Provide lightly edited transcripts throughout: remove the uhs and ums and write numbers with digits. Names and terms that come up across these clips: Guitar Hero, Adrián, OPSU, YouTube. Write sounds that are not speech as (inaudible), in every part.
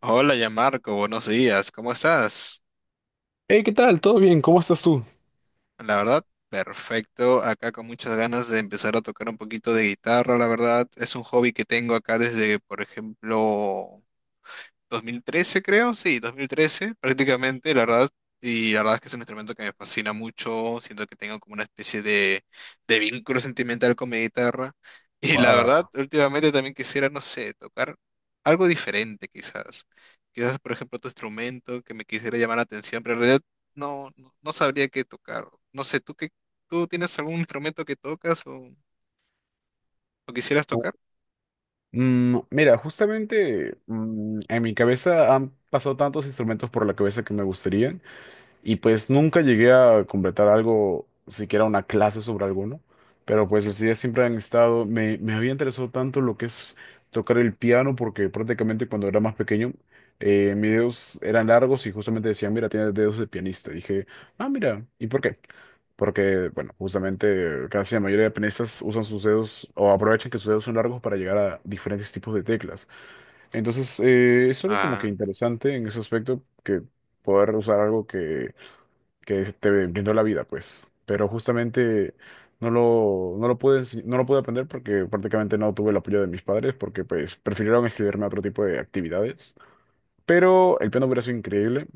Hola, ya Marco, buenos días, ¿cómo estás? Hey, ¿qué tal? ¿Todo bien? ¿Cómo estás tú? La verdad, perfecto, acá con muchas ganas de empezar a tocar un poquito de guitarra, la verdad, es un hobby que tengo acá desde, por ejemplo, 2013 creo, sí, 2013 prácticamente, la verdad. Y la verdad es que es un instrumento que me fascina mucho, siento que tengo como una especie de vínculo sentimental con mi guitarra. (laughs) Y la verdad, Ah, últimamente también quisiera, no sé, tocar algo diferente quizás. Quizás, por ejemplo, otro instrumento que me quisiera llamar la atención, pero en realidad no, no, no sabría qué tocar. No sé, ¿tú qué, tú tienes algún instrumento que tocas o quisieras oh, tocar? Mira, justamente en mi cabeza han pasado tantos instrumentos por la cabeza que me gustarían y pues nunca llegué a completar algo, siquiera una clase sobre alguno, pero pues las ideas siempre han estado, me había interesado tanto lo que es tocar el piano porque prácticamente cuando era más pequeño mis dedos eran largos y justamente decían, mira, tienes dedos de pianista. Y dije, ah, mira, ¿y por qué? Porque, bueno, justamente casi la mayoría de pianistas usan sus dedos o aprovechan que sus dedos son largos para llegar a diferentes tipos de teclas. Entonces, es algo como que Ah, interesante en ese aspecto, que poder usar algo que te brindó la vida, pues. Pero justamente no lo pude, no lo pude aprender porque prácticamente no tuve el apoyo de mis padres, porque pues prefirieron escribirme a otro tipo de actividades. Pero el piano hubiera sido increíble.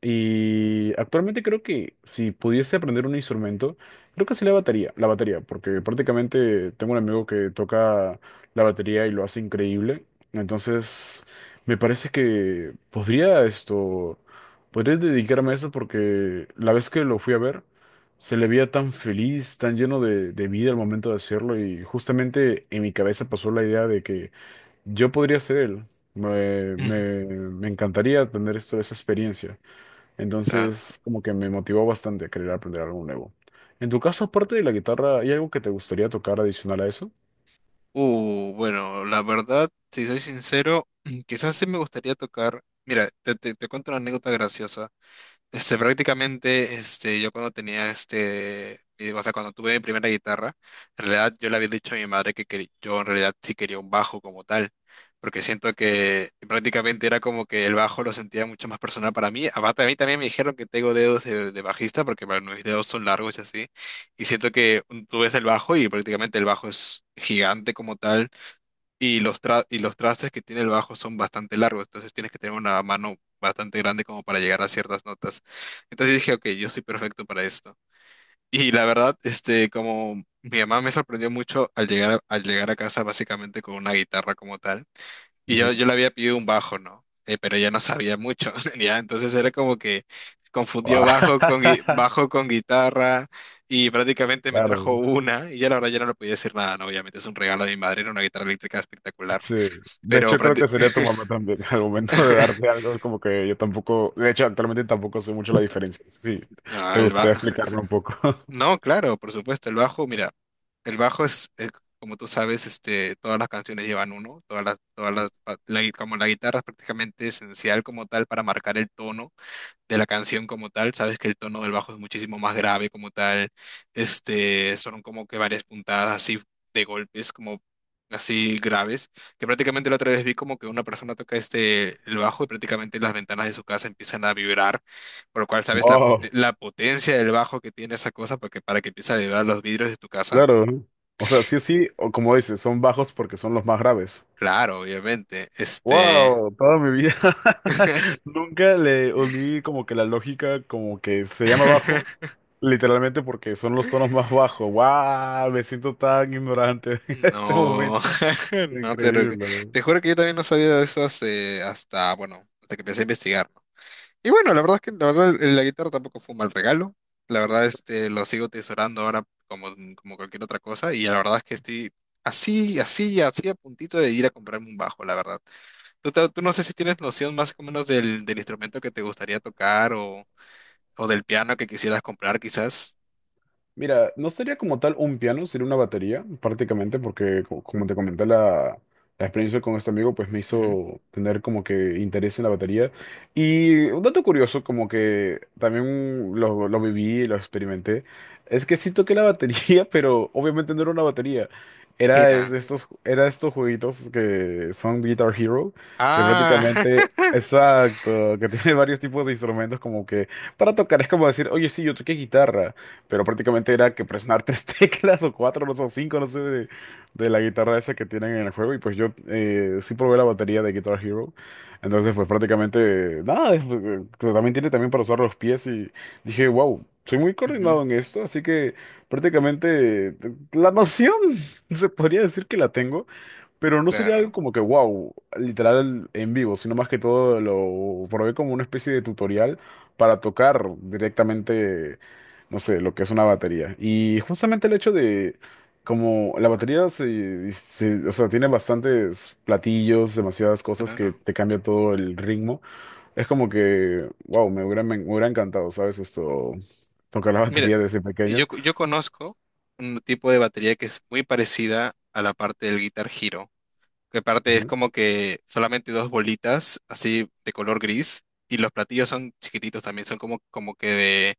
Y actualmente creo que si pudiese aprender un instrumento, creo que sí la batería, porque prácticamente tengo un amigo que toca la batería y lo hace increíble. Entonces, me parece que podría podría dedicarme a eso porque la vez que lo fui a ver, se le veía tan feliz, tan lleno de vida al momento de hacerlo y justamente en mi cabeza pasó la idea de que yo podría ser él. Me encantaría tener esto, esa experiencia. (laughs) claro. Entonces, como que me motivó bastante a querer aprender algo nuevo. En tu caso, aparte de la guitarra, ¿hay algo que te gustaría tocar adicional a eso? Bueno, la verdad, si soy sincero, (clears throat) quizás sí me gustaría tocar. Mira, te cuento una anécdota graciosa. Este, prácticamente, este, yo cuando tenía este, mi- o sea, cuando tuve mi primera guitarra, en realidad yo le había dicho a mi madre que, quer- yo en realidad sí quería un bajo como tal, porque siento que prácticamente era como que el bajo lo sentía mucho más personal para mí. Aparte, a mí también me dijeron que tengo dedos de bajista, porque bueno, mis dedos son largos y así, y siento que tú ves el bajo y prácticamente el bajo es gigante como tal y los, tra- y los trastes que tiene el bajo son bastante largos, entonces tienes que tener una mano bastante grande como para llegar a ciertas notas. Entonces yo dije, ok, yo soy perfecto para esto. Y la verdad, este, como mi mamá me sorprendió mucho al llegar a casa básicamente con una guitarra como tal, y yo, Ujú. yo le había pedido un bajo, ¿no? Pero ella no sabía mucho, (laughs) ya, entonces era como que confundió bajo con, gui- (laughs) bajo con guitarra y prácticamente me trajo Claro, una, y yo la verdad ya no le podía decir nada, ¿no? Obviamente es un regalo de mi madre, era una guitarra eléctrica espectacular. sí. De Pero hecho, creo prácti- que sería tu mamá también. (laughs) Al momento de darte (laughs) algo, como que yo tampoco, de hecho, actualmente tampoco sé mucho la diferencia. Sí, Ah, te el ba- gustaría explicarme un poco. (laughs) (laughs) No, claro, por supuesto, el bajo, mira, el bajo es, como tú sabes, este, todas las canciones llevan uno, todas las, pa- la gui- como la guitarra es prácticamente esencial como tal para marcar el tono de la canción como tal, sabes que el tono del bajo es muchísimo más grave como tal, este, son como que varias puntadas así de golpes como así graves, que prácticamente la otra vez vi como que una persona toca este, el bajo y prácticamente las ventanas de su casa empiezan a vibrar, por lo cual sabes la, pote- Wow, la potencia del bajo que tiene esa cosa para que empiece a vibrar los vidrios de tu casa. claro. ¿No? O sea, sí o sí, o como dices, son bajos porque son los más graves. Claro, obviamente, este... Wow, toda mi vida (laughs) (laughs) nunca le uní como que la lógica como que se llama bajo, (laughs) literalmente porque son los tonos más bajos. Wow, me siento tan ignorante (laughs) en este No, momento. (laughs) no te, lo- Increíble. te juro que yo también no sabía de eso hace- hasta, bueno, hasta que empecé a investigar. ¿No? Y bueno, la verdad es que la verdad la guitarra tampoco fue un mal regalo. La verdad este lo sigo tesorando ahora como, como cualquier otra cosa y la verdad es que estoy así, así, así a puntito de ir a comprarme un bajo, la verdad. Tú, te- tú no sé si tienes noción más o menos del, del instrumento que te gustaría tocar o del piano que quisieras comprar quizás. Mira, no sería como tal un piano, sería una batería, prácticamente, porque como te comenté, la experiencia con este amigo pues me Ujú, hizo tener como que interés en la batería. Y un dato curioso, como que también lo viví, lo experimenté, es que sí toqué la batería, (laughs) pero obviamente no era una batería. Era era. Era estos jueguitos que son Guitar Hero, que Ah, prácticamente… Exacto, que (laughs) tiene varios tipos de instrumentos como que para tocar, es como decir, oye, sí, yo toqué guitarra pero prácticamente era que presionar tres (laughs) teclas o cuatro, no sé, o cinco, no sé, de la guitarra esa que tienen en el juego. Y pues yo sí probé la batería de Guitar Hero. Entonces, pues prácticamente, nada, también tiene también para usar los pies y dije, wow, soy muy (laughs) ujú. coordinado en esto, así que prácticamente la noción (laughs) se podría decir que la tengo. Pero no sería algo Claro, como que, wow, literal en vivo, sino más que todo lo probé como una especie de tutorial para tocar directamente, no sé, lo que es una batería. Y justamente el hecho de, como la batería o sea, tiene bastantes platillos, demasiadas cosas que claro. te cambia todo el ritmo, es como que, wow, me hubiera encantado, ¿sabes? Esto, tocar la (laughs) Mira. batería desde Yo, pequeño. yo conozco un tipo de batería que es muy parecida a la parte del Guitar Hero, que parte es Ujú. como que solamente dos bolitas así de color gris y los platillos son chiquititos también, son como, como que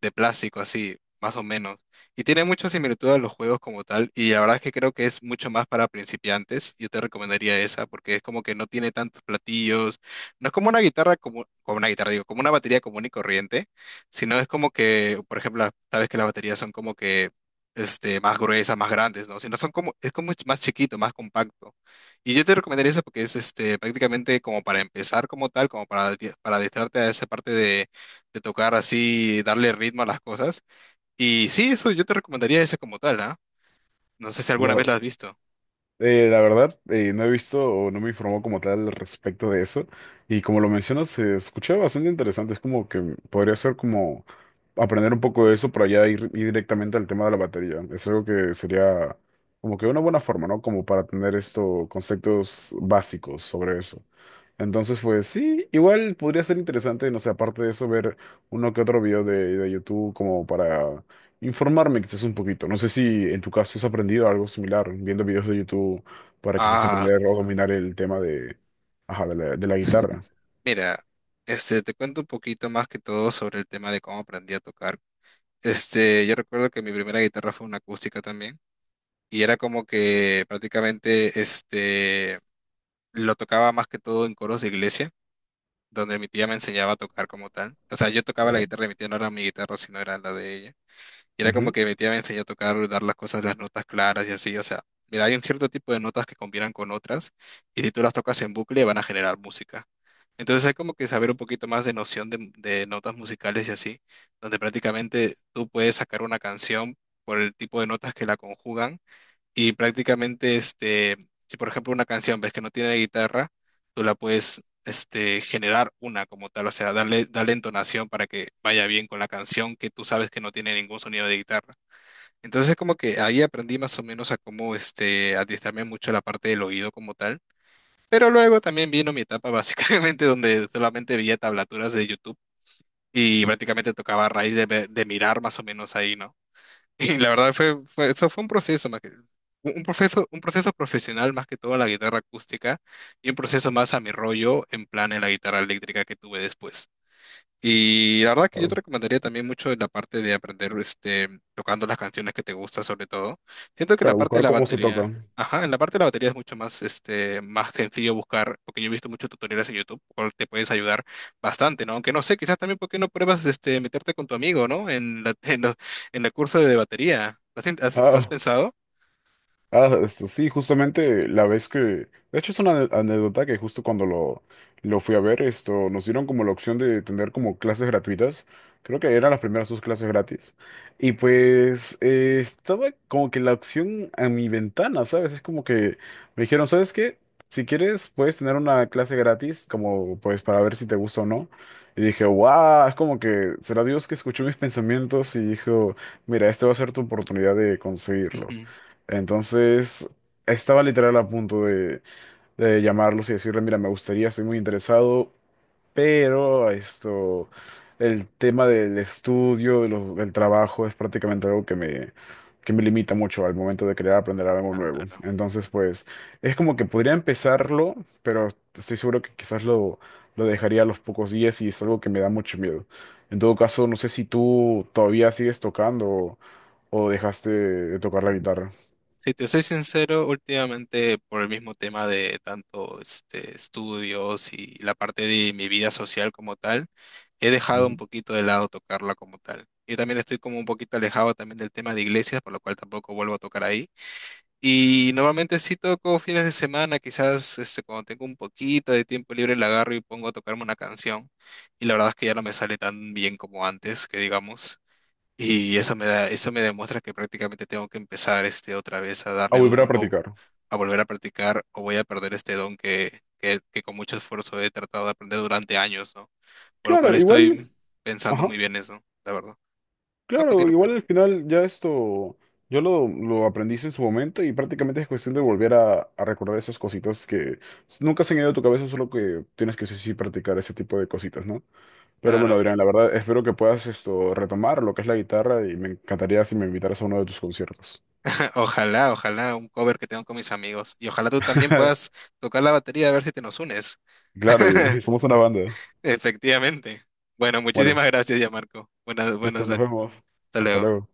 de plástico, así, más o menos. Y tiene mucha similitud a los juegos como tal, y la verdad es que creo que es mucho más para principiantes. Yo te recomendaría esa, porque es como que no tiene tantos platillos, no es como una guitarra, como, como una guitarra, digo, como una batería común y corriente, sino es como que, por ejemplo, las- sabes que las baterías son como que este, más gruesas, más grandes, ¿no? Sino son como, es como más chiquito, más compacto. Y yo te recomendaría eso porque es este, prácticamente como para empezar como tal, como para, di- para adentrarte a esa parte de tocar así, darle ritmo a las cosas. Y sí, eso yo te recomendaría ese como tal, ¿ah? No sé si La alguna ver- vez la has visto. La verdad, no he visto o no me informó como tal al respecto de eso. Y como lo mencionas, se escucha bastante interesante. Es como que podría ser como aprender un poco de eso para ya ir directamente al tema de la batería. Es algo que sería como que una buena forma, ¿no? Como para tener estos conceptos básicos sobre eso. Entonces, pues sí, igual podría ser interesante, no sé, aparte de eso, ver uno que otro video de YouTube como para informarme quizás un poquito. No sé si en tu caso has aprendido algo similar, viendo videos de YouTube para quizás Ah, aprender o dominar el tema de, ajá, de de la guitarra. mira, este, te cuento un poquito más que todo sobre el tema de cómo aprendí a tocar. Este, yo recuerdo que mi primera guitarra fue una acústica también, y era como que prácticamente, este, lo tocaba más que todo en coros de iglesia, donde mi tía me enseñaba a tocar como tal. O sea, yo tocaba la Claro. guitarra de mi tía, no era mi guitarra, sino era la de ella. Y era como Ujú. que mi tía me enseñó a tocar, dar las cosas, las notas claras y así. O sea, mira, hay un cierto tipo de notas que combinan con otras y si tú las tocas en bucle van a generar música. Entonces hay como que saber un poquito más de noción de notas musicales y así, donde prácticamente tú puedes sacar una canción por el tipo de notas que la conjugan y prácticamente, este, si por ejemplo una canción ves que no tiene guitarra, tú la puedes, este, generar una como tal, o sea, darle, darle entonación para que vaya bien con la canción que tú sabes que no tiene ningún sonido de guitarra. Entonces, como que ahí aprendí más o menos a cómo, este, adiestrarme mucho la parte del oído como tal. Pero luego también vino mi etapa básicamente (laughs) donde solamente veía tablaturas de YouTube y prácticamente tocaba a raíz de, ve- de mirar más o menos ahí, ¿no? Y la verdad eso fue un proceso más que, un proceso, un proceso profesional más que todo a la guitarra acústica y un proceso más a mi rollo en plan en la guitarra eléctrica que tuve después. Y la verdad que yo te Claro. recomendaría también mucho la parte de aprender este, tocando las canciones que te gustan sobre todo. Siento que la Claro, parte de buscar la cómo se batería, toca. ajá, en la parte de la batería es mucho más, este, más sencillo buscar, porque yo he visto muchos tutoriales en YouTube, cual te puedes ayudar bastante, ¿no? Aunque no sé, quizás también por qué no pruebas este, meterte con tu amigo, ¿no? En la, (laughs) en los- en el curso de batería. ¿Lo has, in- has- lo has Ah, pensado? Sí, justamente la vez de hecho es una anécdota que justo cuando lo fui a ver, esto, nos dieron como la opción de tener como clases gratuitas, creo que eran las primeras dos clases gratis, y pues estaba como que la opción a mi ventana, ¿sabes? Es como que me dijeron, ¿sabes qué? Si quieres, puedes tener una clase gratis, como pues para ver si te gusta o no. Y dije, wow, es como que será Dios que escuchó mis pensamientos y dijo, mira, esta va a ser tu oportunidad de conseguirlo. Ujú. Entonces, estaba literal a punto de llamarlos y decirle, mira, me gustaría, estoy muy interesado, pero esto, el tema del estudio, del trabajo es prácticamente algo que que me limita mucho al momento de querer aprender algo Ah, nuevo. no. Entonces, pues, es como que podría empezarlo, pero estoy seguro que quizás lo dejaría a los pocos días y es algo que me da mucho miedo. En todo caso, no sé si tú todavía sigues tocando o dejaste de tocar la guitarra. Si te soy sincero, últimamente por el mismo tema de tanto este, estudios y la parte de mi vida social como tal, he dejado un poquito de lado tocarla como tal. Yo también estoy como un poquito alejado también del tema de iglesias, por lo cual tampoco vuelvo a tocar ahí. Y normalmente sí toco fines de semana, quizás este, cuando tengo un poquito de tiempo libre la agarro y pongo a tocarme una canción. Y la verdad es que ya no me sale tan bien como antes, que digamos. Y Ujú. eso me da, eso me demuestra que prácticamente tengo que empezar este otra vez a A darle volver a duro o practicar. a volver a practicar o voy a perder este don que con mucho esfuerzo he tratado de aprender durante años, ¿no? Por lo cual Claro, igual, estoy pensando ajá, muy bien eso, la verdad. No, claro, continúo, igual continúo. al final ya esto, yo lo aprendí en su momento y prácticamente es cuestión de volver a recordar esas cositas que nunca se han ido de tu cabeza, solo que tienes que sí, sí practicar ese tipo de cositas, ¿no? Pero bueno, Claro. Adrián, la verdad, espero que puedas esto retomar lo que es la guitarra y me encantaría si me invitaras a uno de tus conciertos. (laughs) Ojalá, ojalá un cover que tengo con mis amigos. Y ojalá tú también puedas (laughs) tocar la batería a ver si te nos unes. Claro, y (laughs) somos una banda. Efectivamente. Bueno, Bueno, muchísimas gracias ya, Marco. Buenas, listo, buenas nos noches. vemos. Hasta Hasta luego. luego.